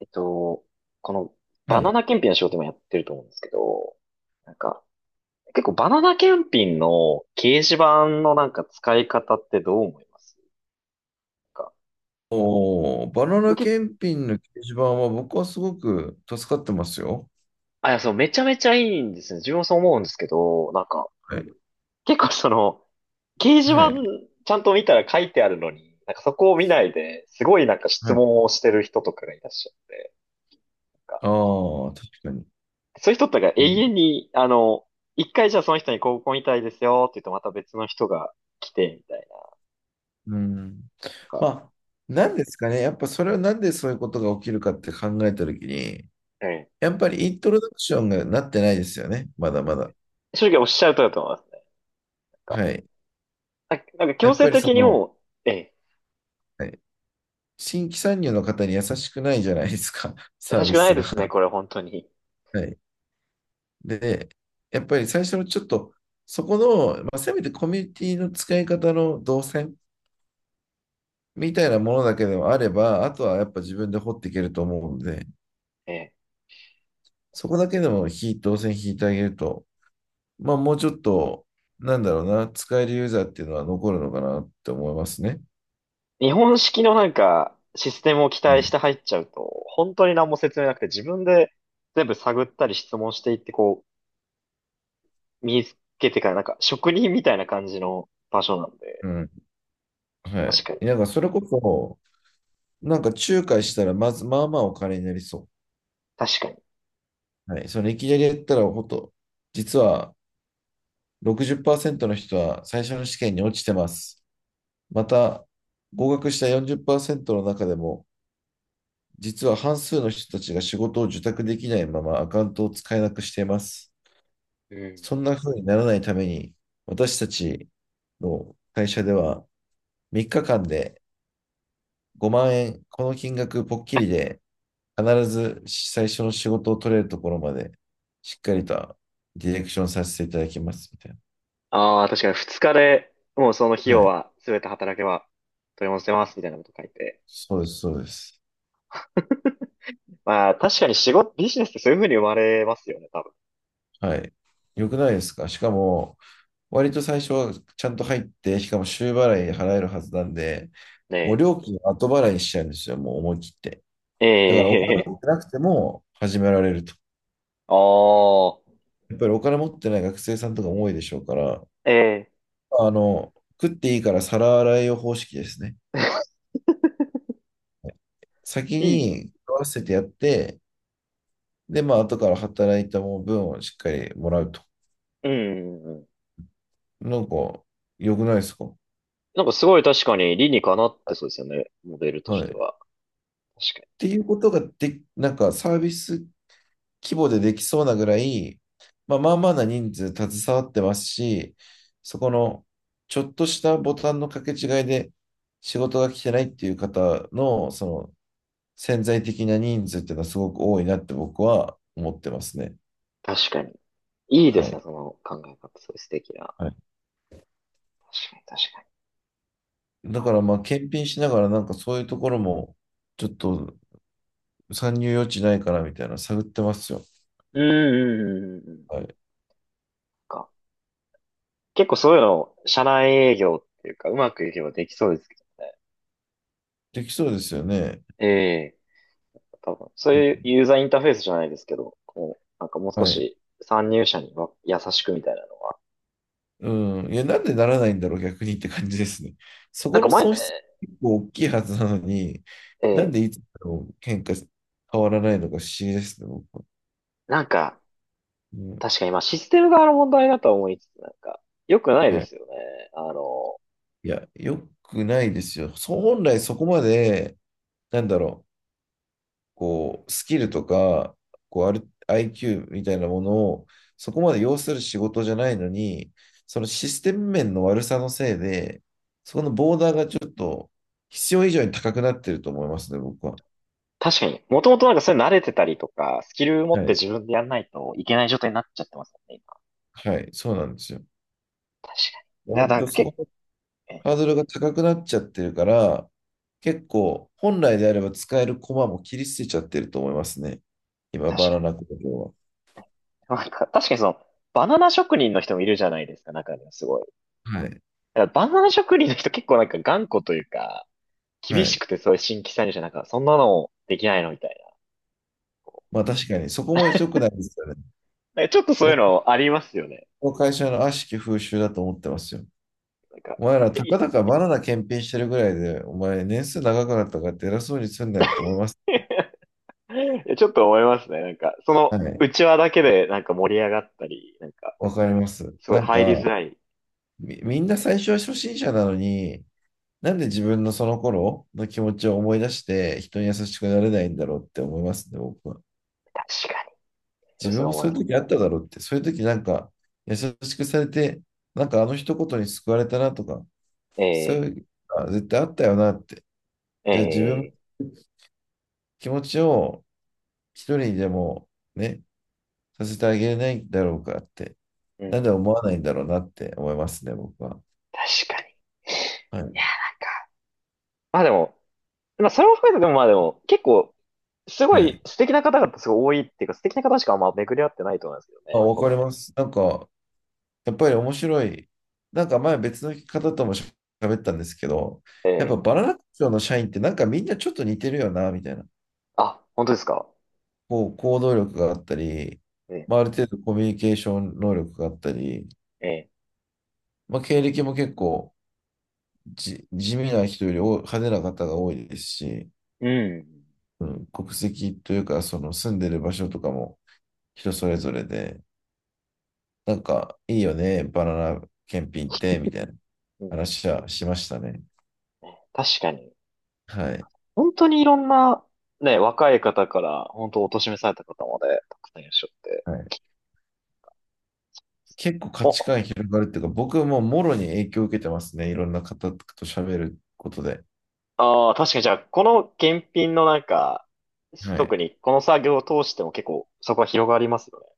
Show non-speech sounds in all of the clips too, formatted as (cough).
えっと、このはバナい。ナ検品の仕事もやってると思うんですけど、なんか、結構バナナ検品の掲示板のなんか使い方ってどう思いますか？おー、バナ結ナ構、検品の掲示板は僕はすごく助かってますよ。あ、いや、そう、めちゃめちゃいいんですね。自分もそう思うんですけど、はい。結構その、掲示は板い。ちゃんと見たら書いてあるのに、なんかそこを見ないで、すごいなんかは質い。問をしてる人とかがいらっしゃって、なんか、ああ、確かに。そういう人とかう永ん。遠に、一回じゃあその人にこうご遺体ですよって言うとまた別の人が来て、みたいな。うん。なんか、まあ、なんですかね。やっぱそれはなんでそういうことが起きるかって考えたときに、うん。やっぱりイントロダクションがなってないですよね。まだまだ。正直おっしゃる通りだと思いますね。なんか、はい。なんかや強っ制ぱりそ的にの、もう、ええ、はい、新規参入の方に優しくないじゃないですか。(laughs) サ優ーしビくなスいでが。すね、これ本当に。はい。で、やっぱり最初のちょっと、そこの、せめてコミュニティの使い方の動線みたいなものだけでもあれば、あとはやっぱ自分で掘っていけると思うので、ええ、なんそこかだけでも動線引いてあげると、まあもうちょっと、なんだろうな、使えるユーザーっていうのは残るのかなって思いますね。日本式のなんか、システムを期う待しん。て入っちゃうと、本当に何も説明なくて自分で全部探ったり質問していって、こう、身につけてからなんか職人みたいな感じの場所なんで、うん、は確かに、い。なんかそれこそ、なんか仲介したらまず、まあまあお金になりそ確かに。う。はい。そのいきなりやったら、ほんと、実は60%の人は最初の試験に落ちてます。また、合格した40%の中でも、実は半数の人たちが仕事を受託できないままアカウントを使えなくしています。うん。そんな風にならないために、私たちの会社では3日間で5万円、この金額ぽっきりで、必ず最初の仕事を取れるところまで、しっかりとディレクションさせていただきます、みたいな。ああ、確かに二日で、もうその費は用い。は全て働けば取り戻せますみたいなこと書いて、そうです、そうです。まあ、確かに仕事、ビジネスってそういう風に生まれますよね、多分。はい。よくないですか、しかも、割と最初はちゃんと入って、しかも週払い払えるはずなんで、ねもう料金は後払いにしちゃうんですよ、もう思い切って。え。だからお金え持え、ってなくても始められると。(laughs) ああ、やっぱりお金持ってない学生さんとかも多いでしょうから、ええ、あの、食っていいから皿洗いを方式ですね。(laughs) 先いい。に食わせてやって、で、まあ、後から働いた分をしっかりもらうと。うん、うん。なんか、良くないですか。なんかすごい確かに理にかなってそうですよね、モデルとはしい。てっは。確かに。ていうことがで、なんかサービス規模でできそうなぐらい、まあ、まあまあな人数携わってますし、そこのちょっとしたボタンの掛け違いで仕事が来てないっていう方のその潜在的な人数っていうのはすごく多いなって僕は思ってますね。確かに。いいではすね、い。その考え方、そういう素敵な。はい。確かに、確かに。だからあ、まあ検品しながらなんかそういうところもちょっと参入余地ないかなみたいなの探ってますよ。うん、うん、うん、うん。はい。か。結構そういうの、社内営業っていうか、うまくいけばできそうですけどね。できそうですよね。ええ、多分、そういうユーザーインターフェースじゃないですけど、こう、なんかもう少はい。し参入者には優しくみたいなの。うん。いや、なんでならないんだろう、逆にって感じですね。そなこんかの前、損失結構大きいはずなのに、えなんーでいつも喧嘩変わらないのか不思議ですね、僕は。なんか、うん。確かに今システム側の問題だとは思いつつ、なんか、良くないではい。すよね。あの、いや、良くないですよ。そう、本来そこまで、なんだろう、こう、スキルとか、こう、ある IQ みたいなものを、そこまで要する仕事じゃないのに、そのシステム面の悪さのせいで、そこのボーダーがちょっと必要以上に高くなってると思いますね、僕は。確かに、もともとなんかそれ慣れてたりとか、スキル持っはてい。自分でやんないといけない状態になっちゃってますよね、今。はい。そうなんですよ。確かに。いや、割なんとかそこけ、のえ、ハードルが高くなっちゃってるから、結構本来であれば使える駒も切り捨てちゃってると思いますね。今、バ確ナナ工場かに。なんか、確かにその、バナナ職人の人もいるじゃないですか、中にはすごい。は。はい。だからバナナ職人の人結構なんか頑固というか、は厳しい。くて、そういう新規参入者、なんか、そんなのできないのみたいまあ確かに、そこも良くないですよね。な。なんかちょっとそういう僕のありますよね。の会社の悪しき風習だと思ってますよ。なんか、お前ら、え たかだかバナナ検品してるぐらいで、お前、年数長くなったからって偉そうにすんなよと思います。(laughs) ちょっと思いますね。なんか、その、はい。内輪だけで、なんか盛り上がったり、なんか、わかります。すごないん入りづか、らい。みんな最初は初心者なのに、なんで自分のその頃の気持ちを思い出して人に優しくなれないんだろうって思いますね、僕は。確かに。そう自そ分うも思いそういまうす。時あっただろうって、そういう時なんか優しくされて、なんかあの一言に救われたなとか、そうえいうのが絶対あったよなって。え、じゃあ自分えのえ、気持ちを一人にでもね、させてあげれないんだろうかって、うんうなんでんう思ん、わないんだろうなって思いますね、僕は。確かに。はいや、い。なんか、まあでも、まあそれも含めてでもまあでも、結構、すごはいい。素敵な方々すごい多いっていうか、素敵な方しかあんま巡り合ってないと思いますけどあ、ね。わこかりの、ます。なんか、やっぱり面白い。なんか前別の方ともし喋ったんですけど、えやっぱえ、バナナ工場の社員ってなんかみんなちょっと似てるよな、みたいな。あ、本当ですか。こう、行動力があったり、えまあ、えある程度コミュニケーション能力があったり、ええ、まあ、経歴も結構地味な人より多い派手な方が多いですし、うん。うん、国籍というか、その住んでる場所とかも人それぞれで、なんかいいよね、バナナ検品って、みたいなうん、話はしましたね。確かに。はい。本当にいろんな、ね、若い方から、本当お年めされた方まで、たくさんいらっしゃって。はい、結構価値お、観広がるっていうか、僕はもうもろに影響を受けてますね。いろんな方と喋ることで。ああ、確かにじゃあ、この検品のなんか、はい。特にこの作業を通しても結構、そこは広がりますよ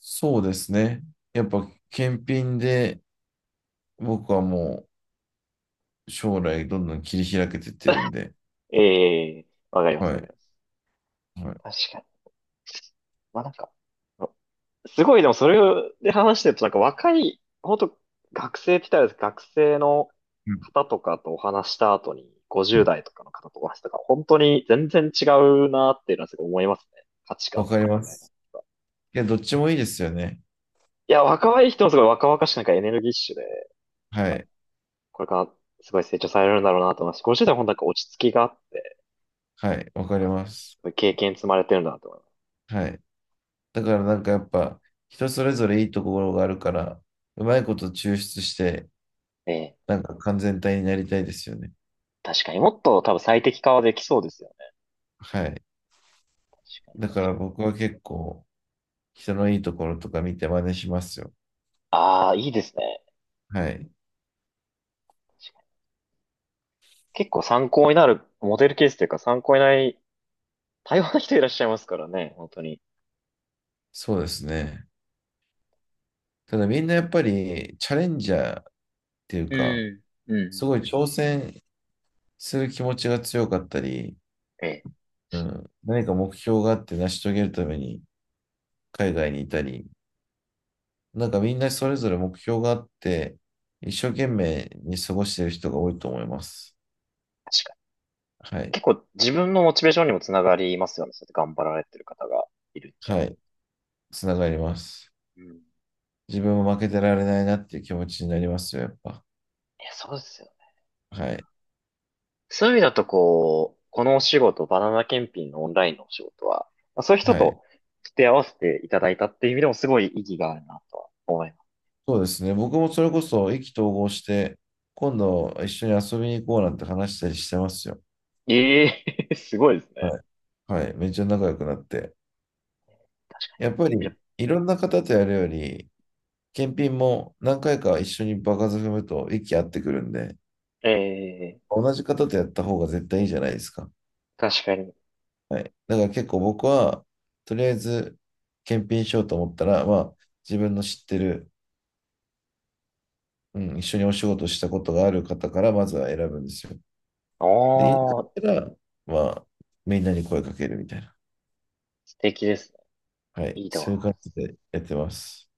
そうですね。やっぱ、検品で僕はもう将来どんどん切り開けてってるんで。ね。ええ、わかります、はわかい。ります。はい。確かに。まあなんか、すごい、でもそれで話してると、なんか若い、本当学生って言ったらあれですけど学生のうん、方とかとお話した後に、50代とかの方とお話したから、本当に全然違うなっていうのはすごい思いますね。価値観わとかりか考まえ方。す。いや、どっちもいいですよね。いや、若い人もすごい若々しくなんかエネルギッシュで、はい。これからすごい成長されるんだろうなと思いますし。50代は本当なんか落ち着きがあって、はい。わかります。そういう経験積まれてるんだなと思います。はい。だからなんかやっぱ、人それぞれいいところがあるから、うまいこと抽出して、ええ、なんか完全体になりたいですよね。確かにもっと多分最適化はできそうですよね。はい。確かに、だか確からに。僕は結構、人のいいところとか見て真似しますよ。ああ、いいですね。はい。結構参考になるモデルケースというか参考になり、多様な人いらっしゃいますからね、本当に。そうですね。ただみんなやっぱりチャレンジャーっていううか、ん。うすごいん。挑戦する気持ちが強かったり、ええ、うん、何か目標があって成し遂げるために海外にいたり、なんかみんなそれぞれ目標があって、一生懸命に過ごしている人が多いと思います。確かに。はい。結構自分のモチベーションにもつながりますよね。そうやって頑張られてる方がいるって。はい。つながります。うん。い自分も負けてられないなっていう気持ちになりますよ、やっぱ。や、そうですよね。はい。そういう意味だとこう、このお仕事、バナナ検品のオンラインのお仕事は、まあそういう人はい。と付き合わせていただいたっていう意味でもすごい意義があるなとは思います。そうですね。僕もそれこそ意気投合して、今度一緒に遊びに行こうなんて話したりしてますよ。ええ (laughs) すごいですね。はい。はい。めっちゃ仲良くなって。確かやっぱに。いや、り、いろんな方とやるより、検品も何回か一緒に場数踏むと息合ってくるんで、ええ、同じ方とやった方が絶対いいじゃないですか。確かに。はい。だから結構僕は、とりあえず、検品しようと思ったら、まあ、自分の知ってる、うん、一緒にお仕事したことがある方からまずは選ぶんですよ。で、家帰ああ、ったら、まあ、みんなに声かけるみたいな。素敵ですね。はい。いいそういう感な。じでやってます。